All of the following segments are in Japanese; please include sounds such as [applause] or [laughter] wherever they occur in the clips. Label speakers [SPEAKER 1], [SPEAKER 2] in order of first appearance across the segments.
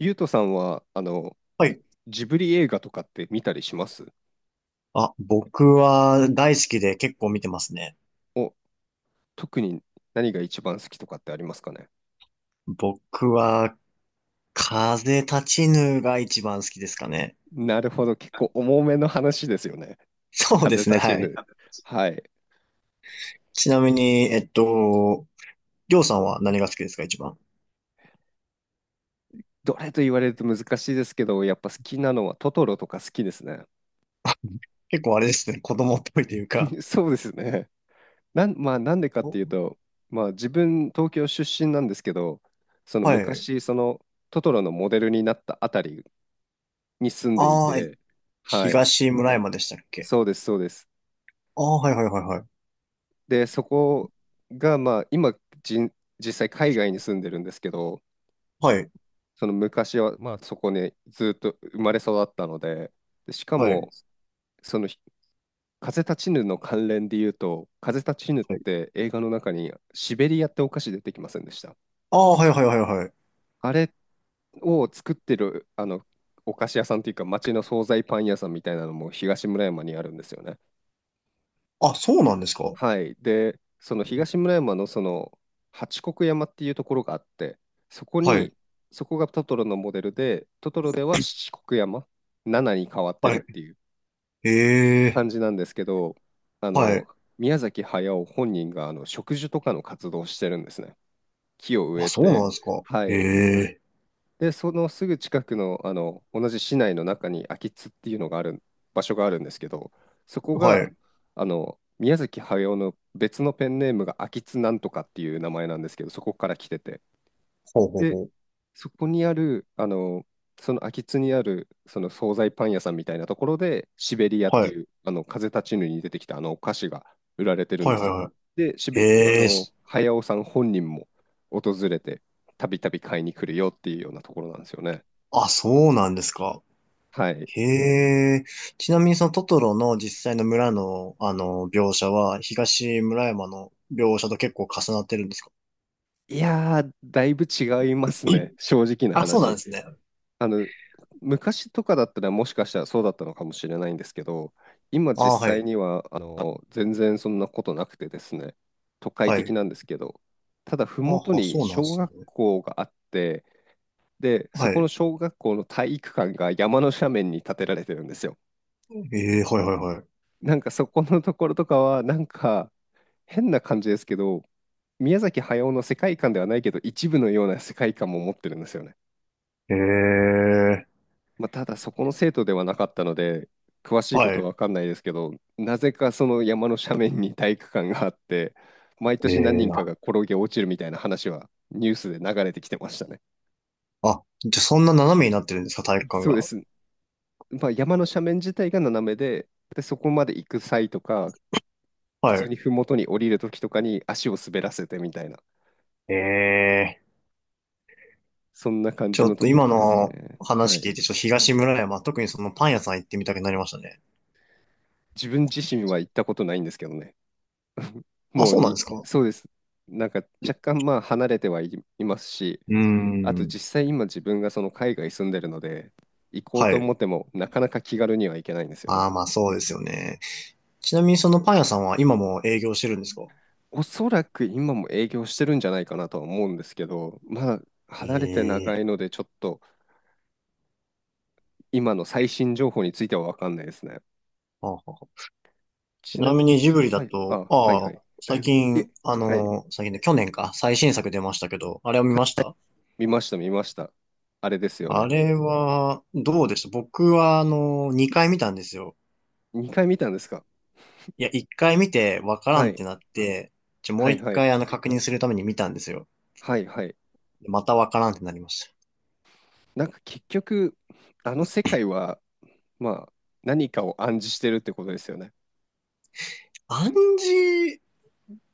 [SPEAKER 1] ゆうとさんは、
[SPEAKER 2] はい。
[SPEAKER 1] ジブリ映画とかって見たりします？
[SPEAKER 2] あ、僕は大好きで結構見てますね。
[SPEAKER 1] お、特に何が一番好きとかってありますかね？
[SPEAKER 2] 僕は、風立ちぬが一番好きですかね。
[SPEAKER 1] なるほど、結構重めの話ですよね。
[SPEAKER 2] そうで
[SPEAKER 1] 風
[SPEAKER 2] すね、
[SPEAKER 1] 立ち
[SPEAKER 2] はい。
[SPEAKER 1] ぬ。はい。
[SPEAKER 2] ちなみに、りょうさんは何が好きですか、一番。
[SPEAKER 1] どれと言われると難しいですけど、やっぱ好きなのはトトロとか好きですね。
[SPEAKER 2] 結構あれですね、子供っぽいというか。
[SPEAKER 1] [laughs] そうですね。まあ、なんでかって
[SPEAKER 2] お、
[SPEAKER 1] いうと、まあ、自分、東京出身なんですけど、その
[SPEAKER 2] はい。
[SPEAKER 1] 昔、そのトトロのモデルになったあたりに住んでい
[SPEAKER 2] ああ、え、
[SPEAKER 1] て、はい。
[SPEAKER 2] 東村山でしたっけ？
[SPEAKER 1] そうです、そうです。
[SPEAKER 2] ああ、はいはいはいはい。
[SPEAKER 1] で、そこが、まあ、今じん、実際海外に住んでるんですけど、
[SPEAKER 2] はい、
[SPEAKER 1] その昔は、まあ、そこにずっと生まれ育ったので、で、しか
[SPEAKER 2] はい、
[SPEAKER 1] も、その風立ちぬの関連で言うと、風立ちぬっ
[SPEAKER 2] はい。
[SPEAKER 1] て映画の中にシベリアってお菓子出てきませんでした？
[SPEAKER 2] ああ、はいはいはいはい。
[SPEAKER 1] あれを作ってる、お菓子屋さんというか、町の惣菜パン屋さんみたいなのも東村山にあるんですよね。
[SPEAKER 2] あ、そうなんですか。
[SPEAKER 1] はい。で、その東村山のその八国山っていうところがあって、そこ
[SPEAKER 2] はい、
[SPEAKER 1] に、そこがトトロのモデルで、トトロでは七国山、七に変わって
[SPEAKER 2] は
[SPEAKER 1] るっ
[SPEAKER 2] い。
[SPEAKER 1] ていう
[SPEAKER 2] ええ、
[SPEAKER 1] 感じなんですけど、あ
[SPEAKER 2] は
[SPEAKER 1] の、
[SPEAKER 2] い。
[SPEAKER 1] 宮崎駿本人があの植樹とかの活動をしてるんですね。木を植
[SPEAKER 2] あ、
[SPEAKER 1] え
[SPEAKER 2] そうな
[SPEAKER 1] て、
[SPEAKER 2] んですか。
[SPEAKER 1] は
[SPEAKER 2] え
[SPEAKER 1] い。
[SPEAKER 2] え、
[SPEAKER 1] で、そのすぐ近くの、あの同じ市内の中に秋津っていうのがある場所があるんですけど、そこ
[SPEAKER 2] は
[SPEAKER 1] が
[SPEAKER 2] い。
[SPEAKER 1] あの宮崎駿の別のペンネームが秋津なんとかっていう名前なんですけど、そこから来てて、
[SPEAKER 2] ほうほう
[SPEAKER 1] で、
[SPEAKER 2] ほう。
[SPEAKER 1] そこにある、あのその秋津にあるその惣菜パン屋さんみたいなところで、シベリアっ
[SPEAKER 2] は
[SPEAKER 1] て
[SPEAKER 2] い。
[SPEAKER 1] いうあの風立ちぬに出てきたあのお菓子が売られてるん
[SPEAKER 2] は
[SPEAKER 1] で
[SPEAKER 2] いは
[SPEAKER 1] す
[SPEAKER 2] い
[SPEAKER 1] よ。
[SPEAKER 2] は
[SPEAKER 1] で、
[SPEAKER 2] い。
[SPEAKER 1] あ
[SPEAKER 2] ええ、
[SPEAKER 1] の
[SPEAKER 2] す、
[SPEAKER 1] 駿さん本人も訪れて、たびたび買いに来るよっていうようなところなんですよね。
[SPEAKER 2] あ、そうなんですか。
[SPEAKER 1] はい。
[SPEAKER 2] へえ。ちなみにそのトトロの実際の村の、描写は、東村山の描写と結構重なってるんですか？
[SPEAKER 1] いやー、だいぶ違います
[SPEAKER 2] う
[SPEAKER 1] ね。
[SPEAKER 2] ん。
[SPEAKER 1] 正直
[SPEAKER 2] [coughs]
[SPEAKER 1] な
[SPEAKER 2] あ、そうなんで
[SPEAKER 1] 話。
[SPEAKER 2] すね。
[SPEAKER 1] あの、昔とかだったらもしかしたらそうだったのかもしれないんですけど、今実
[SPEAKER 2] あ、は
[SPEAKER 1] 際
[SPEAKER 2] い。
[SPEAKER 1] には、全然そんなことなくてですね、都会
[SPEAKER 2] は
[SPEAKER 1] 的
[SPEAKER 2] い。
[SPEAKER 1] なんですけど、ただ、ふ
[SPEAKER 2] あ、
[SPEAKER 1] もと
[SPEAKER 2] あ、
[SPEAKER 1] に
[SPEAKER 2] そうなんで
[SPEAKER 1] 小
[SPEAKER 2] す
[SPEAKER 1] 学
[SPEAKER 2] ね。
[SPEAKER 1] 校があって、で、
[SPEAKER 2] は
[SPEAKER 1] そこの
[SPEAKER 2] い。
[SPEAKER 1] 小学校の体育館が山の斜面に建てられてるんですよ。
[SPEAKER 2] ええ、はいはいはい。
[SPEAKER 1] なんかそこのところとかは、なんか変な感じですけど、宮崎駿の世界観ではないけど、一部のような世界観も持ってるんですよね。
[SPEAKER 2] ええ、
[SPEAKER 1] まあ、ただそこの生徒ではなかったので、詳しいこ
[SPEAKER 2] は
[SPEAKER 1] と
[SPEAKER 2] い。
[SPEAKER 1] は分かんないですけど、なぜかその山の斜面に体育館があって、毎
[SPEAKER 2] え
[SPEAKER 1] 年何
[SPEAKER 2] え、
[SPEAKER 1] 人か
[SPEAKER 2] あ、
[SPEAKER 1] が転げ落ちるみたいな話はニュースで流れてきてましたね。
[SPEAKER 2] あ、じゃあそんな斜めになってるんですか、体育館
[SPEAKER 1] そうで
[SPEAKER 2] が。
[SPEAKER 1] す。まあ、山の斜面自体が斜めで、で、そこまで行く際とか、普
[SPEAKER 2] は
[SPEAKER 1] 通
[SPEAKER 2] い。
[SPEAKER 1] に麓に降りる時とかに足を滑らせてみたいな、
[SPEAKER 2] ええ。
[SPEAKER 1] そんな感
[SPEAKER 2] ち
[SPEAKER 1] じ
[SPEAKER 2] ょ
[SPEAKER 1] の
[SPEAKER 2] っと
[SPEAKER 1] ところ
[SPEAKER 2] 今
[SPEAKER 1] です
[SPEAKER 2] の
[SPEAKER 1] ね。は
[SPEAKER 2] 話
[SPEAKER 1] い。
[SPEAKER 2] 聞いて、ちょっと東村山、特にそのパン屋さん行ってみたくなりましたね。
[SPEAKER 1] 自分自身は行ったことないんですけどね。
[SPEAKER 2] あ、
[SPEAKER 1] もう
[SPEAKER 2] そうなんで
[SPEAKER 1] に、
[SPEAKER 2] すか？
[SPEAKER 1] そうです。なんか若干まあ離れてはい、いますし、
[SPEAKER 2] うー
[SPEAKER 1] あと
[SPEAKER 2] ん。
[SPEAKER 1] 実際今自分がその海外住んでるので、行こう
[SPEAKER 2] は
[SPEAKER 1] と思
[SPEAKER 2] い。
[SPEAKER 1] ってもなかなか気軽には行けないんですよ
[SPEAKER 2] ああ、
[SPEAKER 1] ね。
[SPEAKER 2] まあそうですよね。ちなみにそのパン屋さんは今も営業してるんですか？
[SPEAKER 1] おそらく今も営業してるんじゃないかなとは思うんですけど、まあ離れて長
[SPEAKER 2] ええ
[SPEAKER 1] いのでちょっと今の最新情報については分かんないですね。
[SPEAKER 2] ー、はあはあ。ち
[SPEAKER 1] ち
[SPEAKER 2] な
[SPEAKER 1] な
[SPEAKER 2] み
[SPEAKER 1] み
[SPEAKER 2] に
[SPEAKER 1] に、
[SPEAKER 2] ジブリだ
[SPEAKER 1] はい、
[SPEAKER 2] と、
[SPEAKER 1] あ、はい
[SPEAKER 2] あ
[SPEAKER 1] は
[SPEAKER 2] あ、
[SPEAKER 1] い。
[SPEAKER 2] 最
[SPEAKER 1] [laughs] え、
[SPEAKER 2] 近、
[SPEAKER 1] はい。
[SPEAKER 2] 最近で、去年か、最新作出ましたけど、あれを見
[SPEAKER 1] はい、
[SPEAKER 2] ました？
[SPEAKER 1] 見ました。あれですよ
[SPEAKER 2] あ
[SPEAKER 1] ね。
[SPEAKER 2] れは、どうでした？僕は、2回見たんですよ。
[SPEAKER 1] 2回見たんですか？
[SPEAKER 2] いや、1回見て、わから
[SPEAKER 1] は
[SPEAKER 2] んって
[SPEAKER 1] い、
[SPEAKER 2] なって、ちょ、も
[SPEAKER 1] は
[SPEAKER 2] う
[SPEAKER 1] い、
[SPEAKER 2] 1
[SPEAKER 1] はい、
[SPEAKER 2] 回、確認するために見たんですよ。
[SPEAKER 1] はい。
[SPEAKER 2] またわからんってなりました。
[SPEAKER 1] なんか結局、あの世界は、まあ、何かを暗示してるってことですよね。
[SPEAKER 2] 暗示、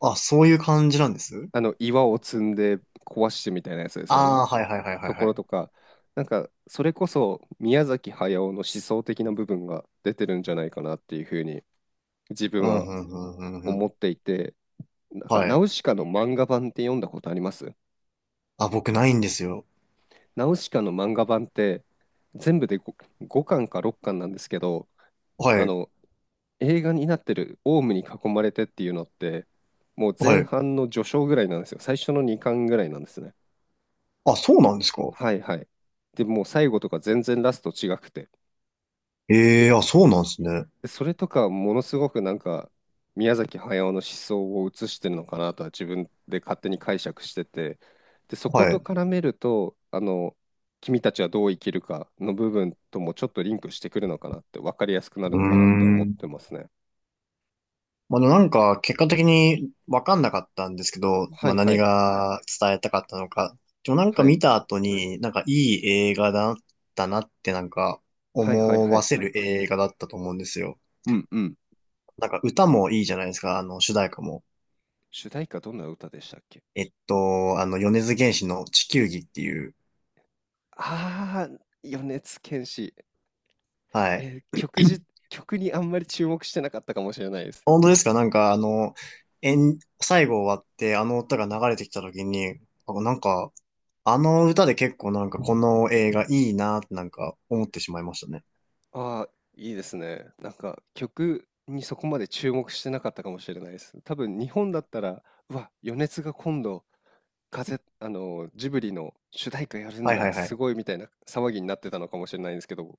[SPEAKER 2] あ、そういう感じなんです？
[SPEAKER 1] あの岩を積んで壊してみたいなやつですよね。
[SPEAKER 2] ああー、はいはいはいは
[SPEAKER 1] と
[SPEAKER 2] い
[SPEAKER 1] ころ
[SPEAKER 2] はい。
[SPEAKER 1] とか、なんかそれこそ宮崎駿の思想的な部分が出てるんじゃないかなっていうふうに自分
[SPEAKER 2] うん、
[SPEAKER 1] は
[SPEAKER 2] うん、うん、うん、う
[SPEAKER 1] 思
[SPEAKER 2] ん。
[SPEAKER 1] っていて、なんか
[SPEAKER 2] は
[SPEAKER 1] ナ
[SPEAKER 2] い。
[SPEAKER 1] ウシカの漫画版って読んだことあります？
[SPEAKER 2] あ、僕ないんですよ。
[SPEAKER 1] ナウシカの漫画版って全部で 5, 巻か6巻なんですけど、
[SPEAKER 2] は
[SPEAKER 1] あ
[SPEAKER 2] い、
[SPEAKER 1] の映画になってるオウムに囲まれてっていうのって、もう
[SPEAKER 2] は
[SPEAKER 1] 前
[SPEAKER 2] い。
[SPEAKER 1] 半の序章ぐらいなんですよ。最初の2巻ぐらいなんですね。
[SPEAKER 2] あ、そうなんですか？
[SPEAKER 1] はいはい。で、もう最後とか全然ラスト違くて。
[SPEAKER 2] ええー、あ、そうなんですね。
[SPEAKER 1] でそれとかものすごくなんか宮崎駿の思想を映してるのかなとは自分で勝手に解釈してて、で、そこ
[SPEAKER 2] はい。
[SPEAKER 1] と
[SPEAKER 2] う
[SPEAKER 1] 絡めると、君たちはどう生きるかの部分ともちょっとリンクしてくるのかなって、分かりやすくな
[SPEAKER 2] ー
[SPEAKER 1] るのかなって思っ
[SPEAKER 2] ん。
[SPEAKER 1] てますね。
[SPEAKER 2] まあ、でもなんか、結果的にわかんなかったんですけど、
[SPEAKER 1] は
[SPEAKER 2] まあ、
[SPEAKER 1] いは
[SPEAKER 2] 何
[SPEAKER 1] い。
[SPEAKER 2] が伝えたかったのか。でもなんか
[SPEAKER 1] は
[SPEAKER 2] 見
[SPEAKER 1] い。
[SPEAKER 2] た後に、なんかいい映画だったなってなんか
[SPEAKER 1] はいはい
[SPEAKER 2] 思
[SPEAKER 1] は
[SPEAKER 2] わ
[SPEAKER 1] い。
[SPEAKER 2] せる映画だったと思うんですよ。
[SPEAKER 1] うんうん。
[SPEAKER 2] なんか歌もいいじゃないですか、主題歌も。
[SPEAKER 1] 主題歌どんな歌でしたっけ？
[SPEAKER 2] 米津玄師の地球儀っていう。
[SPEAKER 1] ああー、米津玄師。
[SPEAKER 2] はい。
[SPEAKER 1] えー曲じ曲にあんまり注目してなかったかもしれないです。
[SPEAKER 2] 本当ですか？なんか、えん、最後終わって、あの歌が流れてきた時に、あ、なんか、あの歌で結構なんかこの映画いいなってなんか思ってしまいましたね。
[SPEAKER 1] ああ、いいですね。なんか、曲にそこまで注目してなかったかもしれないです。多分日本だったら、うわ、米津が今度、風あの、ジブリの主題歌やるん
[SPEAKER 2] はいは
[SPEAKER 1] だ、
[SPEAKER 2] いは
[SPEAKER 1] す
[SPEAKER 2] い。
[SPEAKER 1] ごいみたいな騒ぎになってたのかもしれないんですけど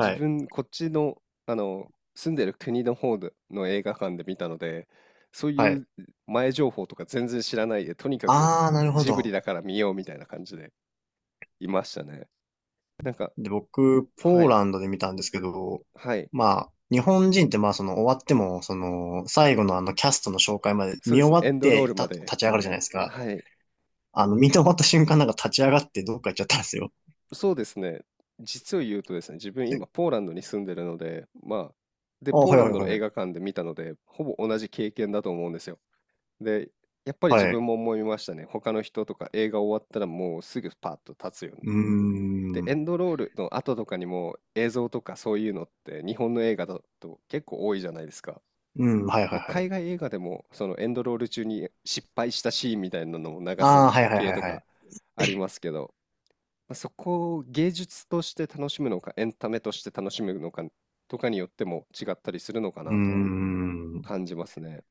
[SPEAKER 1] 自
[SPEAKER 2] い。
[SPEAKER 1] 分こっちの、住んでる国の方での映画館で見たので、そう
[SPEAKER 2] は
[SPEAKER 1] い
[SPEAKER 2] い。
[SPEAKER 1] う前情報とか全然知らないで、とにかく
[SPEAKER 2] あー、なるほ
[SPEAKER 1] ジブリ
[SPEAKER 2] ど。
[SPEAKER 1] だから見ようみたいな感じでいましたね。なんか、
[SPEAKER 2] で、僕、ポ
[SPEAKER 1] は
[SPEAKER 2] ー
[SPEAKER 1] い、
[SPEAKER 2] ランドで見たんですけど、
[SPEAKER 1] はい、
[SPEAKER 2] まあ、日本人ってまあ、その終わっても、その、最後のあのキャストの紹介まで
[SPEAKER 1] そう
[SPEAKER 2] 見
[SPEAKER 1] で
[SPEAKER 2] 終
[SPEAKER 1] すね、
[SPEAKER 2] わ
[SPEAKER 1] エ
[SPEAKER 2] っ
[SPEAKER 1] ンドロー
[SPEAKER 2] て
[SPEAKER 1] ル
[SPEAKER 2] た
[SPEAKER 1] ま
[SPEAKER 2] 立
[SPEAKER 1] で。
[SPEAKER 2] ち上がるじゃないですか。
[SPEAKER 1] はい、
[SPEAKER 2] 見て終わった瞬間なんか立ち上がってどっか行っちゃったんですよ。
[SPEAKER 1] そうですね、実を言うとですね、自分
[SPEAKER 2] で、
[SPEAKER 1] 今ポーランドに住んでるので、まあ、で、
[SPEAKER 2] あ、
[SPEAKER 1] ポー
[SPEAKER 2] はい
[SPEAKER 1] ラ
[SPEAKER 2] は
[SPEAKER 1] ン
[SPEAKER 2] い
[SPEAKER 1] ドの
[SPEAKER 2] は
[SPEAKER 1] 映
[SPEAKER 2] い。
[SPEAKER 1] 画館で見たので、ほぼ同じ経験だと思うんですよ。で、やっぱり自
[SPEAKER 2] はい。
[SPEAKER 1] 分も思いましたね。他の人とか映画終わったらもうすぐパッと立つように。
[SPEAKER 2] う
[SPEAKER 1] で、
[SPEAKER 2] ー
[SPEAKER 1] エ
[SPEAKER 2] ん。
[SPEAKER 1] ンドロールの後とかにも映像とかそういうのって日本の映画だと結構多いじゃないですか。
[SPEAKER 2] うん、はいは
[SPEAKER 1] ま
[SPEAKER 2] い
[SPEAKER 1] あ、
[SPEAKER 2] は
[SPEAKER 1] 海
[SPEAKER 2] い。
[SPEAKER 1] 外映画でもそのエンドロール中に失敗したシーンみたいなのを流
[SPEAKER 2] あ
[SPEAKER 1] す
[SPEAKER 2] あ、はいはい
[SPEAKER 1] 系
[SPEAKER 2] はい
[SPEAKER 1] と
[SPEAKER 2] は
[SPEAKER 1] か
[SPEAKER 2] い。
[SPEAKER 1] ありますけど、まあ、そこを芸術として楽しむのかエンタメとして楽しむのかとかによっても違ったりするのか
[SPEAKER 2] うー
[SPEAKER 1] なとは
[SPEAKER 2] ん。
[SPEAKER 1] 感じますね。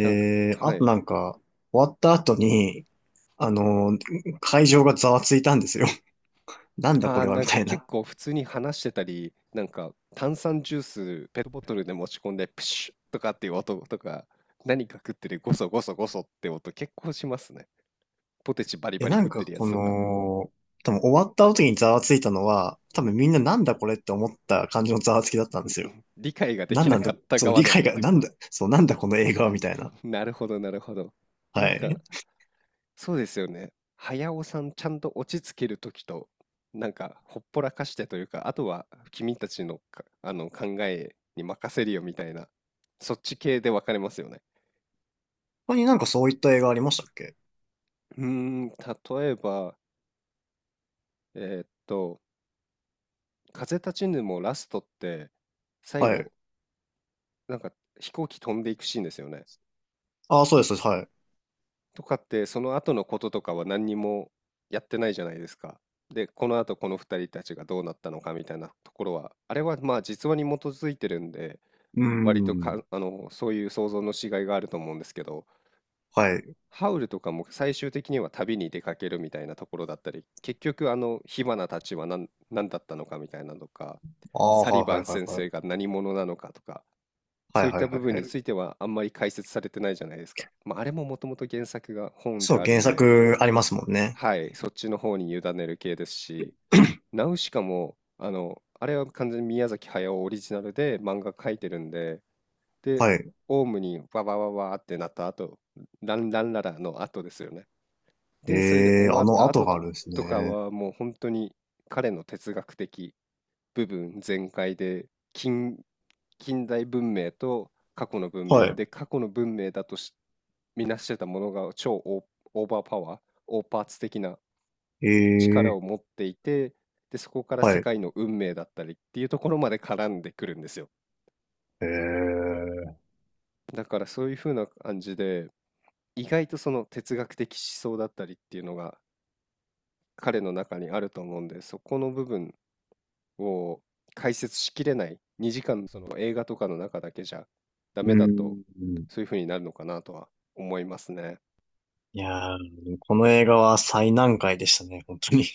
[SPEAKER 1] なんか、
[SPEAKER 2] あ
[SPEAKER 1] は
[SPEAKER 2] と
[SPEAKER 1] い。
[SPEAKER 2] なんか、終わった後に、あの、会場がざわついたんですよ。[laughs] なんだこ
[SPEAKER 1] ああ、
[SPEAKER 2] れは
[SPEAKER 1] な
[SPEAKER 2] み
[SPEAKER 1] んか
[SPEAKER 2] たい
[SPEAKER 1] 結
[SPEAKER 2] な。
[SPEAKER 1] 構普通に話してたり、なんか炭酸ジュースペットボトルで持ち込んでプシュッとかっていう音とか、何か食ってるゴソゴソゴソって音結構しますね。ポテチバリ
[SPEAKER 2] いや、
[SPEAKER 1] バリ
[SPEAKER 2] な
[SPEAKER 1] 食
[SPEAKER 2] ん
[SPEAKER 1] っ
[SPEAKER 2] か
[SPEAKER 1] てるや
[SPEAKER 2] こ
[SPEAKER 1] つとか、
[SPEAKER 2] の、多分終わった後にざわついたのは、多分みんななんだこれって思った感じのざわつきだったんですよ。
[SPEAKER 1] 理解がで
[SPEAKER 2] なん
[SPEAKER 1] きな
[SPEAKER 2] なんだ、
[SPEAKER 1] かった
[SPEAKER 2] そう、
[SPEAKER 1] 側
[SPEAKER 2] 理解
[SPEAKER 1] の、
[SPEAKER 2] が、なんだ、そう、なんだこの映画はみたいな。
[SPEAKER 1] [laughs] なるほどなるほど。
[SPEAKER 2] は
[SPEAKER 1] なんか
[SPEAKER 2] い。
[SPEAKER 1] そうですよね。早尾さんちゃんと落ち着ける時と、なんかほっぽらかしてというか、あとは君たちのか、あの考えに任せるよみたいな、そっち系で分かれますよね。
[SPEAKER 2] 他になんかそういった映画ありましたっけ？
[SPEAKER 1] うーん、例えば、えーっと、風立ちぬもラストって、最
[SPEAKER 2] はい。
[SPEAKER 1] 後、なんか飛行機飛んでいくシーンですよね。
[SPEAKER 2] ああ、そうです、はい。
[SPEAKER 1] とかって、その後のこととかは何にもやってないじゃないですか。で、この後この二人たちがどうなったのかみたいなところは、あれはまあ実話に基づいてるんで、
[SPEAKER 2] うー
[SPEAKER 1] 割と
[SPEAKER 2] ん。
[SPEAKER 1] か、そういう想像のしがいがあると思うんですけど、
[SPEAKER 2] はい。
[SPEAKER 1] ハウルとかも最終的には旅に出かけるみたいなところだったり、結局あの火花たちは何だったのかみたいなのとか、
[SPEAKER 2] ああ、
[SPEAKER 1] サ
[SPEAKER 2] は
[SPEAKER 1] リバ
[SPEAKER 2] いはい
[SPEAKER 1] ン
[SPEAKER 2] はい
[SPEAKER 1] 先
[SPEAKER 2] はい。
[SPEAKER 1] 生が何者なのかとか、
[SPEAKER 2] は
[SPEAKER 1] そ
[SPEAKER 2] い
[SPEAKER 1] ういっ
[SPEAKER 2] はい
[SPEAKER 1] た
[SPEAKER 2] は
[SPEAKER 1] 部
[SPEAKER 2] い
[SPEAKER 1] 分に
[SPEAKER 2] は
[SPEAKER 1] つ
[SPEAKER 2] い。
[SPEAKER 1] いてはあんまり解説されてないじゃないですか。まあ、あれももともと原作が本で
[SPEAKER 2] そう、
[SPEAKER 1] ある
[SPEAKER 2] 原
[SPEAKER 1] んで、
[SPEAKER 2] 作ありますもんね。
[SPEAKER 1] はい、そっちの方に委ねる系ですし、
[SPEAKER 2] [clears throat]
[SPEAKER 1] ナウシカも、あれは完全に宮崎駿オリジナルで漫画描いてるんで、で、
[SPEAKER 2] はい。
[SPEAKER 1] オウムにわわわわってなった後、ランランララの後ですよね。で、それで
[SPEAKER 2] ええ、
[SPEAKER 1] 終
[SPEAKER 2] あ
[SPEAKER 1] わっ
[SPEAKER 2] の
[SPEAKER 1] た
[SPEAKER 2] 後
[SPEAKER 1] 後
[SPEAKER 2] があ
[SPEAKER 1] と、
[SPEAKER 2] るんです
[SPEAKER 1] とか
[SPEAKER 2] ね。
[SPEAKER 1] はもう本当に彼の哲学的部分全開で近、近代文明と過去の文
[SPEAKER 2] は
[SPEAKER 1] 明
[SPEAKER 2] い。
[SPEAKER 1] で過去の文明だとしみなしてたものが超オー、オーバーパワー、オーパーツ的な力
[SPEAKER 2] ええ、
[SPEAKER 1] を持っていて、で、そこから
[SPEAKER 2] は
[SPEAKER 1] 世
[SPEAKER 2] い。
[SPEAKER 1] 界の運命だったりっていうところまで絡んでくるんですよ。
[SPEAKER 2] ええ、
[SPEAKER 1] だからそういう風な感じで、意外とその哲学的思想だったりっていうのが彼の中にあると思うんで、そこの部分を解説しきれない2時間その映画とかの中だけじゃダ
[SPEAKER 2] う
[SPEAKER 1] メだと
[SPEAKER 2] ーん。
[SPEAKER 1] そういう風になるのかなとは思いますね。
[SPEAKER 2] いやー、この映画は最難解でしたね、本当に。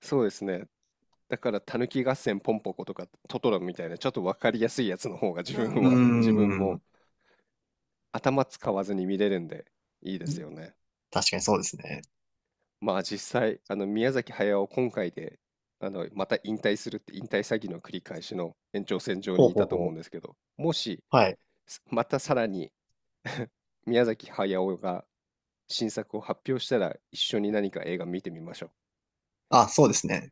[SPEAKER 1] そうですね。だから「たぬき合戦ポンポコ」とか「トトロ」みたいなちょっと分かりやすいやつの方が
[SPEAKER 2] [laughs] うー
[SPEAKER 1] 自分も
[SPEAKER 2] ん。
[SPEAKER 1] 頭使わずに見れるんでいいですよね。
[SPEAKER 2] 確かにそうですね。
[SPEAKER 1] まあ実際あの宮崎駿今回であのまた引退するって引退詐欺の繰り返しの延長線上
[SPEAKER 2] ほう
[SPEAKER 1] にい
[SPEAKER 2] ほう
[SPEAKER 1] たと
[SPEAKER 2] ほ
[SPEAKER 1] 思うん
[SPEAKER 2] う。
[SPEAKER 1] ですけどもし
[SPEAKER 2] はい。
[SPEAKER 1] またさらに [laughs] 宮崎駿が新作を発表したら一緒に何か映画見てみましょう
[SPEAKER 2] あ、そうですね。